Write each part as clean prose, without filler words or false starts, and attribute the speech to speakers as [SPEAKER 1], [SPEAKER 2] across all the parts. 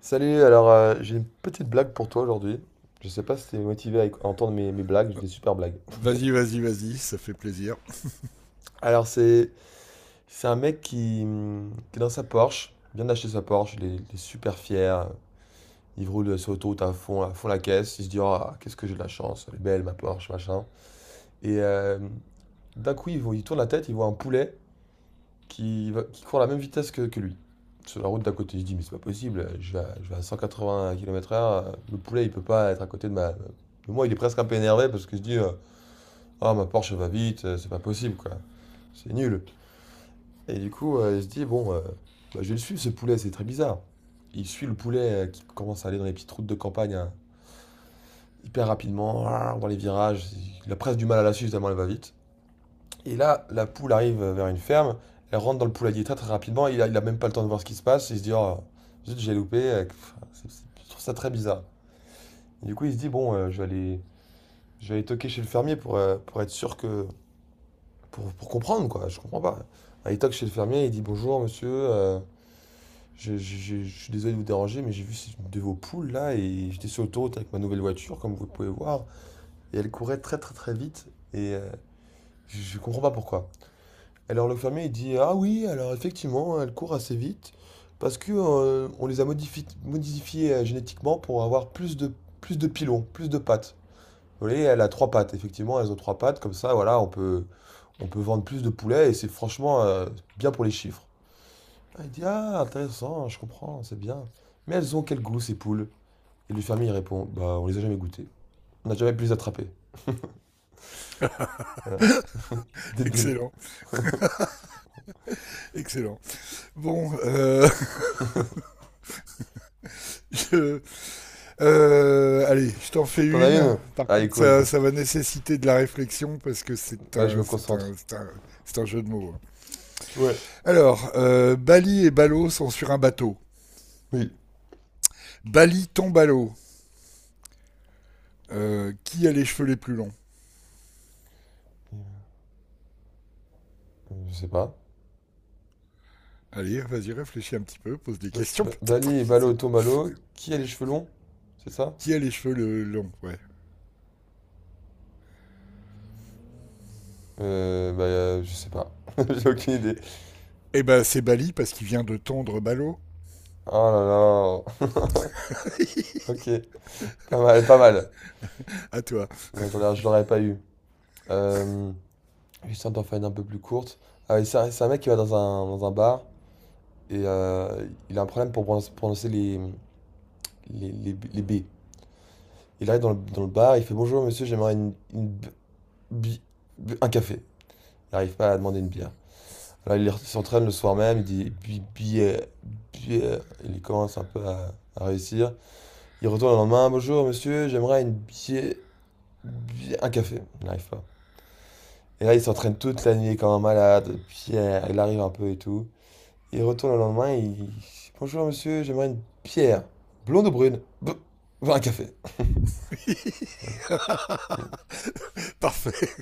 [SPEAKER 1] Salut, alors j'ai une petite blague pour toi aujourd'hui. Je sais pas si t'es motivé à entendre mes blagues, j'ai des super blagues.
[SPEAKER 2] Vas-y, vas-y, vas-y, ça fait plaisir.
[SPEAKER 1] Alors c'est un mec qui est dans sa Porsche, vient d'acheter sa Porsche, il est super fier, il roule sur l'autoroute à fond la caisse, il se dit ah qu'est-ce que j'ai de la chance, elle est belle ma Porsche, machin. Et euh, D'un coup il, il tourne la tête, il voit un poulet qui, qui court à la même vitesse que lui. Sur la route d'à côté, je dis, mais c'est pas possible, je vais à 180 km/h, le poulet il peut pas être à côté de ma. De moi, il est presque un peu énervé parce que je dis, ah, ma Porsche elle va vite, c'est pas possible quoi, c'est nul. Et du coup, il se dit, bon, bah, je vais le suivre ce poulet, c'est très bizarre. Il suit le poulet qui commence à aller dans les petites routes de campagne, hein, hyper rapidement, dans les virages, il a presque du mal à la suivre tellement elle va vite. Et là, la poule arrive vers une ferme, elle rentre dans le poulailler très très rapidement, il a même pas le temps de voir ce qui se passe, il se dit oh, zut, j'ai loupé, je trouve ça très bizarre. Et du coup, il se dit bon, je vais aller toquer chez le fermier pour être sûr que. Pour comprendre quoi, je comprends pas. Ah, il toque chez le fermier, il dit bonjour monsieur, je suis désolé de vous déranger, mais j'ai vu une de vos poules là, et j'étais sur l'autoroute avec ma nouvelle voiture, comme vous pouvez voir, et elle courait très très très vite, et je comprends pas pourquoi. Alors le fermier il dit ah oui alors effectivement elles courent assez vite parce que on les a modifiées génétiquement pour avoir plus de pilons, plus de pattes. Vous voyez, elle a trois pattes, effectivement, elles ont trois pattes, comme ça voilà, on peut vendre plus de poulets et c'est franchement bien pour les chiffres. Ah, il dit ah intéressant, je comprends, c'est bien. Mais elles ont quel goût, ces poules? Et le fermier il répond bah on les a jamais goûtées. On n'a jamais pu les attraper. Voilà. C'est débile.
[SPEAKER 2] Excellent, excellent. Bon, je- allez, je t'en fais
[SPEAKER 1] T'en as
[SPEAKER 2] une.
[SPEAKER 1] une?
[SPEAKER 2] Par
[SPEAKER 1] Ah, elle est
[SPEAKER 2] contre,
[SPEAKER 1] cool.
[SPEAKER 2] ça va nécessiter de la réflexion parce que
[SPEAKER 1] Ouais, je me concentre.
[SPEAKER 2] c'est un jeu de mots, hein.
[SPEAKER 1] Ouais.
[SPEAKER 2] Alors, Bali et Balo sont sur un bateau.
[SPEAKER 1] Oui.
[SPEAKER 2] Bali tombe à l'eau. Qui a les cheveux les plus longs?
[SPEAKER 1] Je sais pas.
[SPEAKER 2] Allez, vas-y, réfléchis un petit peu, pose des questions peut-être,
[SPEAKER 1] Bali et
[SPEAKER 2] je
[SPEAKER 1] Balo
[SPEAKER 2] sais pas.
[SPEAKER 1] Tombalo, qui a les cheveux longs? C'est ça?
[SPEAKER 2] Qui a les cheveux le longs? Ouais.
[SPEAKER 1] Bah, je sais pas. J'ai aucune idée.
[SPEAKER 2] Eh ben, c'est Bali parce qu'il vient de tondre Balo.
[SPEAKER 1] Oh là là. Ok, pas mal, pas mal.
[SPEAKER 2] À toi.
[SPEAKER 1] Bah, je l'aurais pas eu. Euh, J'essaie d'en faire une un peu plus courte. Ah oui, c'est un mec qui va dans dans un bar et il a un problème pour prononcer les B. Il arrive dans dans le bar, il fait bonjour monsieur, j'aimerais une b- bi- bi- un café. Il n'arrive pas à demander une bière. Alors, il s'entraîne le soir même, il dit, euh, il commence un peu à réussir. Il retourne le lendemain, bonjour monsieur, j'aimerais une bière, un café. Il n'arrive pas. Et là, il s'entraîne toute la nuit comme un malade, pierre, il arrive un peu et tout. Il retourne le lendemain, bonjour monsieur, j'aimerais une bière, blonde ou brune, bah, un café.
[SPEAKER 2] Parfait.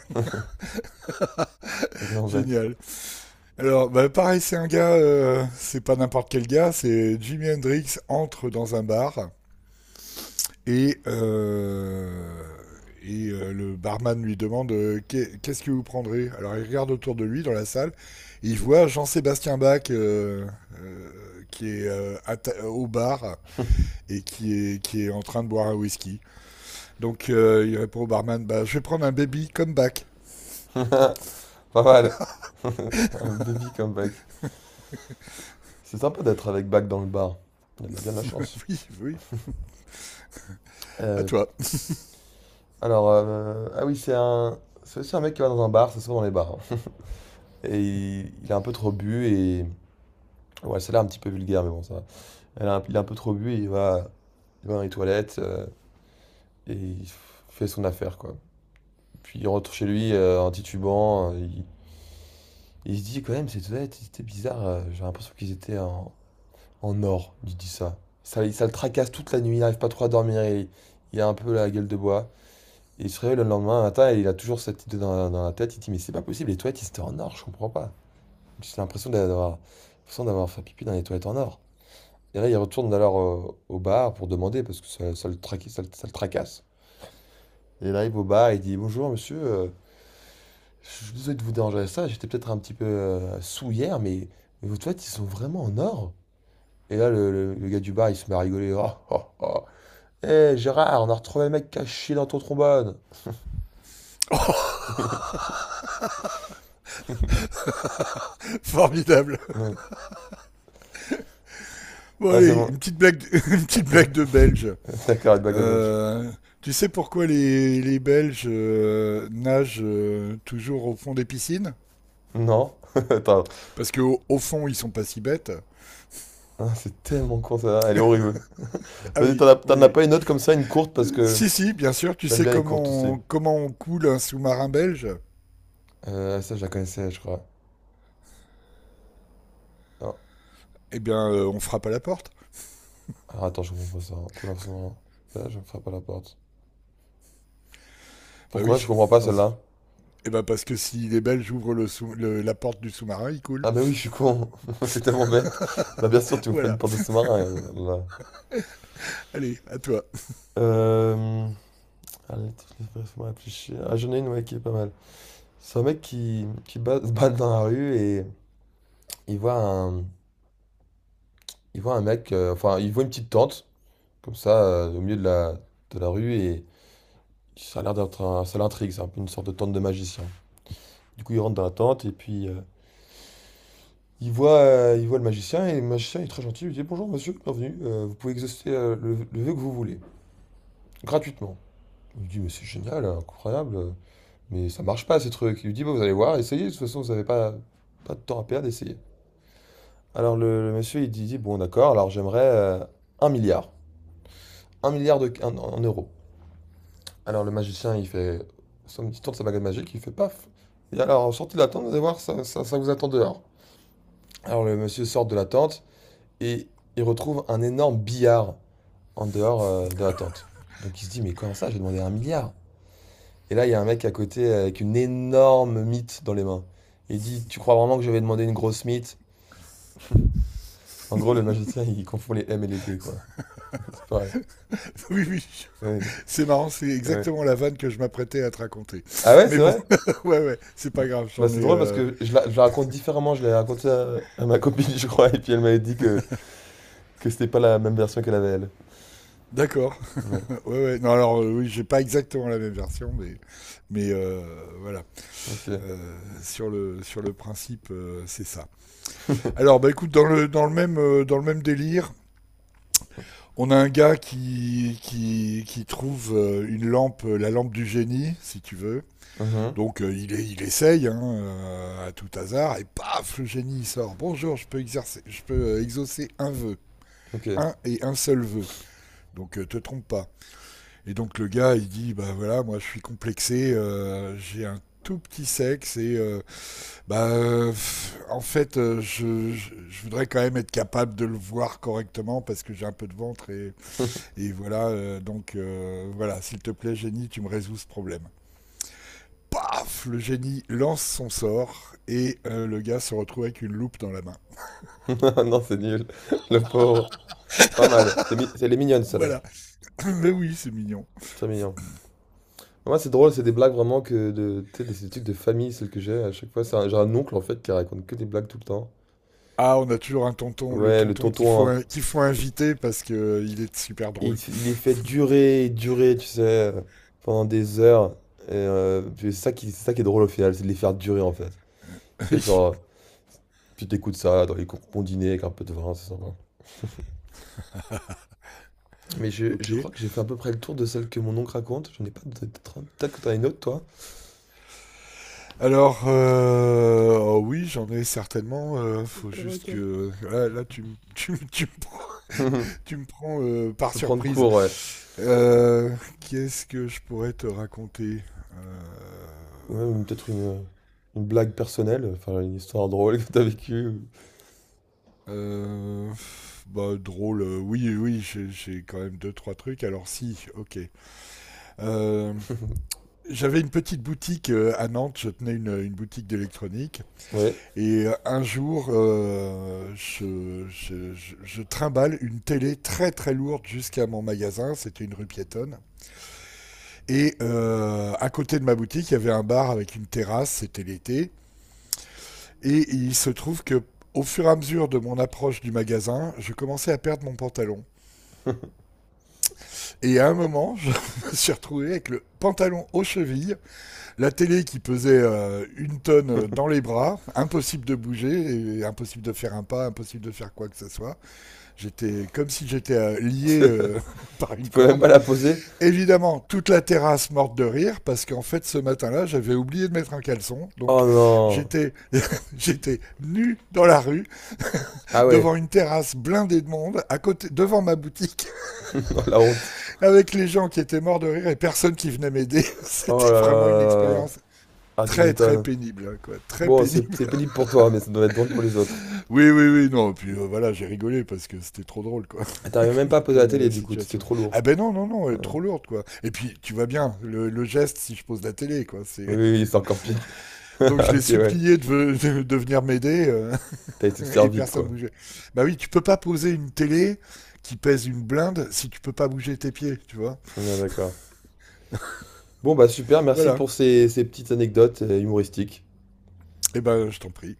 [SPEAKER 1] C'est tellement bête.
[SPEAKER 2] Génial. Alors, bah, pareil, c'est un gars, c'est pas n'importe quel gars, c'est Jimi Hendrix entre dans un bar et, euh, et le barman lui demande, qu'est-ce que vous prendrez. Alors, il regarde autour de lui dans la salle et il voit Jean-Sébastien Bach, qui est au bar et qui est en train de boire un whisky. Donc, il répond au barman, bah, je vais prendre un baby comme Bach.
[SPEAKER 1] Pas mal. Un baby comeback. C'est sympa d'être avec Bach dans le bar. Il a bien de la chance.
[SPEAKER 2] Oui, oui, à
[SPEAKER 1] Euh,
[SPEAKER 2] toi.
[SPEAKER 1] Alors, ah oui, c'est aussi un mec qui va dans un bar, c'est souvent dans les bars, hein. Et il a un peu trop bu et. Ouais, celle-là est un petit peu vulgaire, mais bon, ça va. Il a un peu trop bu et il va dans les toilettes, et il fait son affaire, quoi. Puis il rentre chez lui en titubant. Il se dit, quand même, ces toilettes, c'était bizarre. J'ai l'impression qu'ils étaient en or, il dit ça. Ça le tracasse toute la nuit, il n'arrive pas trop à dormir, il a un peu la gueule de bois. Et il se réveille le lendemain matin et il a toujours cette idée dans dans la tête. Il dit, mais c'est pas possible, les toilettes, c'était en or, je comprends pas. J'ai l'impression d'avoir fait pipi dans les toilettes en or. Et là, il retourne alors au bar pour demander parce que ça le traque- ça le tracasse. Et là, il va au bar, il dit, bonjour monsieur, je suis désolé de vous déranger à ça, j'étais peut-être un petit peu sous hier, mais vos toilettes, ils sont vraiment en or. Et là, le gars du bar, il se met à rigoler. Oh, oh, oh. Hé, Gérard, on a retrouvé le mec caché dans ton trombone.
[SPEAKER 2] Formidable.
[SPEAKER 1] Ouais,
[SPEAKER 2] Bon
[SPEAKER 1] Ouais, c'est
[SPEAKER 2] allez,
[SPEAKER 1] bon.
[SPEAKER 2] une petite blague une petite blague de Belge.
[SPEAKER 1] D'accord, la blague de mec.
[SPEAKER 2] Euh, tu sais pourquoi les Belges nagent toujours au fond des piscines?
[SPEAKER 1] Non, attends.
[SPEAKER 2] Parce qu'au au fond, ils sont pas si bêtes.
[SPEAKER 1] Ah, c'est tellement con ça, elle est horrible.
[SPEAKER 2] Ah
[SPEAKER 1] Vas-y,
[SPEAKER 2] oui,
[SPEAKER 1] t'en as
[SPEAKER 2] oui,
[SPEAKER 1] pas une autre comme ça, une courte,
[SPEAKER 2] oui.
[SPEAKER 1] parce que
[SPEAKER 2] Si, si, bien sûr. Tu
[SPEAKER 1] j'aime
[SPEAKER 2] sais
[SPEAKER 1] bien les courtes aussi.
[SPEAKER 2] comment, comment on coule un sous-marin belge?
[SPEAKER 1] Ça, je la connaissais, je crois. Non.
[SPEAKER 2] Eh bien, on frappe à la porte.
[SPEAKER 1] Ah, attends, je comprends pas ça. Couleur sombre. Là, je me frappe à la porte.
[SPEAKER 2] Bah
[SPEAKER 1] Pourquoi je
[SPEAKER 2] oui.
[SPEAKER 1] comprends pas
[SPEAKER 2] Dans...
[SPEAKER 1] celle-là?
[SPEAKER 2] Eh ben parce que si les Belges ouvrent la porte du sous-marin, ils coulent.
[SPEAKER 1] Ah, mais oui, je suis con. C'est tellement bête. Bah, bien sûr, tu me fais une
[SPEAKER 2] Voilà.
[SPEAKER 1] porte de sous-marin, là.
[SPEAKER 2] Allez, à toi.
[SPEAKER 1] Euh... Allez, laisse-moi réfléchir. Ah, j'en ai une, ouais, qui est pas mal. C'est un mec qui se bat dans la rue et il voit un, il voit un mec, enfin, il voit une petite tente, comme ça au milieu de de la rue et ça l'intrigue, c'est un peu une sorte de tente de magicien. Du coup, il rentre dans la tente et puis il voit le magicien et le magicien il est très gentil, il lui dit bonjour monsieur, bienvenue, vous pouvez exaucer le vœu que vous voulez, gratuitement. Il lui dit mais c'est génial, incroyable, mais ça marche pas ces trucs. Il lui dit bon vous allez voir, essayez, de toute façon vous avez pas de temps à perdre, essayez. Alors le monsieur il dit, bon d'accord, alors j'aimerais un milliard, un milliard en euros. Alors le magicien, il fait somme il tourne sa baguette magique, il fait paf. Et alors sortez de la tente, vous allez voir, ça vous attend dehors. Alors le monsieur sort de la tente et il retrouve un énorme billard en dehors de la tente. Donc il se dit mais comment ça, j'ai demandé un milliard. Et là il y a un mec à côté avec une énorme mythe dans les mains. Il dit tu crois vraiment que je vais demander une grosse mythe? En gros le magicien il confond les M et les B, quoi. C'est pareil.
[SPEAKER 2] Oui, oui.
[SPEAKER 1] Ouais,
[SPEAKER 2] C'est marrant, c'est
[SPEAKER 1] ouais.
[SPEAKER 2] exactement la vanne que je m'apprêtais à te raconter.
[SPEAKER 1] Ah ouais,
[SPEAKER 2] Mais
[SPEAKER 1] c'est
[SPEAKER 2] bon,
[SPEAKER 1] vrai?
[SPEAKER 2] ouais, ouais, c'est pas grave,
[SPEAKER 1] Bah,
[SPEAKER 2] j'en
[SPEAKER 1] c'est
[SPEAKER 2] ai.
[SPEAKER 1] drôle parce que je la raconte différemment. Je l'ai raconté à ma copine, je crois, et puis elle m'avait dit que c'était pas la même version qu'elle avait elle.
[SPEAKER 2] D'accord.
[SPEAKER 1] Ouais.
[SPEAKER 2] Ouais, ouais. Non, alors, oui, j'ai pas exactement la même version, mais, mais voilà.
[SPEAKER 1] Ok.
[SPEAKER 2] Sur le principe, c'est ça. Alors, bah écoute, dans le même délire, on a un gars qui, qui trouve une lampe, la lampe du génie, si tu veux.
[SPEAKER 1] Mhm.
[SPEAKER 2] Donc il, est, il essaye hein, à tout hasard et paf, le génie il sort. Bonjour, je peux, exercer, je peux exaucer un vœu,
[SPEAKER 1] Ok.
[SPEAKER 2] un et un seul vœu. Donc te trompe pas. Et donc le gars il dit bah voilà moi je suis complexé, j'ai un tout petit sexe et pff, en fait je voudrais quand même être capable de le voir correctement parce que j'ai un peu de ventre et voilà donc voilà s'il te plaît génie tu me résous ce problème. Paf, le génie lance son sort et le gars se retrouve avec une loupe dans la main.
[SPEAKER 1] Non, c'est nul. Le pauvre. Pas mal. Elle est mignonne, celle-là.
[SPEAKER 2] Voilà. Mais oui, c'est mignon.
[SPEAKER 1] C'est très mignon. Moi, c'est drôle, c'est des blagues vraiment que de. Tu sais, des trucs de famille, celles que j'ai. À chaque fois, j'ai un oncle en fait qui raconte que des blagues tout le temps.
[SPEAKER 2] Ah, on a toujours un tonton, le
[SPEAKER 1] Ouais, le
[SPEAKER 2] tonton
[SPEAKER 1] tonton, hein.
[SPEAKER 2] qu'il faut inviter parce que il est super
[SPEAKER 1] Il,
[SPEAKER 2] drôle.
[SPEAKER 1] il les fait durer et durer, tu sais, euh, pendant des heures. Et, c'est ça qui est drôle au final, c'est de les faire durer en fait. Tu sais, genre, tu t'écoutes ça dans les cours combinés avec un peu de vin, c'est sympa. Mais je,
[SPEAKER 2] Ok.
[SPEAKER 1] je crois que j'ai fait à peu près le tour de celle que mon oncle raconte. J'en ai pas. Peut-être que t'en as une autre, toi.
[SPEAKER 2] Alors, oh oui, j'en ai certainement.
[SPEAKER 1] Le
[SPEAKER 2] Faut juste
[SPEAKER 1] perroquet.
[SPEAKER 2] que là, là,
[SPEAKER 1] Je
[SPEAKER 2] tu me prends, par
[SPEAKER 1] te prends de
[SPEAKER 2] surprise.
[SPEAKER 1] cours, ouais.
[SPEAKER 2] Euh, Qu'est-ce que je pourrais te raconter. Euh,
[SPEAKER 1] Peut-être une blague personnelle, enfin une histoire drôle que t'as vécue.
[SPEAKER 2] Euh, bah, drôle, oui, oui, j'ai quand même deux, trois trucs. Alors, si, ok. Euh, j'avais une petite boutique à Nantes, je tenais une boutique d'électronique.
[SPEAKER 1] Ouais.
[SPEAKER 2] Et un jour, je trimballe une télé très, très lourde jusqu'à mon magasin. C'était une rue piétonne. Et à côté de ma boutique, il y avait un bar avec une terrasse, c'était l'été. Et il se trouve que, au fur et à mesure de mon approche du magasin, je commençais à perdre mon pantalon. Et à un moment, je me suis retrouvé avec le pantalon aux chevilles, la télé qui pesait une tonne dans les bras, impossible de bouger, et impossible de faire un pas, impossible de faire quoi que ce soit. J'étais comme si j'étais lié
[SPEAKER 1] Tu
[SPEAKER 2] par une
[SPEAKER 1] peux même pas
[SPEAKER 2] corde.
[SPEAKER 1] la poser.
[SPEAKER 2] Évidemment, toute la terrasse morte de rire parce qu'en fait ce matin-là, j'avais oublié de mettre un caleçon, donc
[SPEAKER 1] Oh non.
[SPEAKER 2] j'étais j'étais nu dans la rue
[SPEAKER 1] Ah ouais.
[SPEAKER 2] devant une terrasse blindée de monde à côté devant ma boutique
[SPEAKER 1] Oh, la honte.
[SPEAKER 2] avec les gens qui étaient morts de rire et personne qui venait m'aider.
[SPEAKER 1] Oh
[SPEAKER 2] C'était
[SPEAKER 1] là là
[SPEAKER 2] vraiment une
[SPEAKER 1] là là là.
[SPEAKER 2] expérience
[SPEAKER 1] Ah, tu
[SPEAKER 2] très très
[SPEAKER 1] m'étonnes.
[SPEAKER 2] pénible, quoi, très
[SPEAKER 1] Bon, c'est
[SPEAKER 2] pénible.
[SPEAKER 1] c'est pénible pour toi, mais ça doit être drôle pour les autres.
[SPEAKER 2] Oui, oui, oui, non. Puis voilà, j'ai rigolé parce que c'était trop drôle, quoi,
[SPEAKER 1] Et t'arrivais même pas à poser la
[SPEAKER 2] comme
[SPEAKER 1] télé, du coup, c'était
[SPEAKER 2] situation.
[SPEAKER 1] trop lourd.
[SPEAKER 2] Ah ben non, non, non,
[SPEAKER 1] Ouais.
[SPEAKER 2] trop lourde, quoi. Et puis tu vois bien le geste si je pose la télé, quoi.
[SPEAKER 1] Oui,
[SPEAKER 2] C'est
[SPEAKER 1] oui, c'est encore pire.
[SPEAKER 2] donc je l'ai
[SPEAKER 1] Ok, ouais.
[SPEAKER 2] supplié de, de venir m'aider,
[SPEAKER 1] T'as essayé de faire
[SPEAKER 2] et
[SPEAKER 1] vite,
[SPEAKER 2] personne
[SPEAKER 1] quoi.
[SPEAKER 2] bougeait. Bah oui, tu peux pas poser une télé qui pèse une blinde si tu peux pas bouger tes pieds, tu vois.
[SPEAKER 1] Ouais, d'accord. Bon, bah super, merci
[SPEAKER 2] Voilà.
[SPEAKER 1] pour ces petites anecdotes humoristiques.
[SPEAKER 2] Et ben, je t'en prie.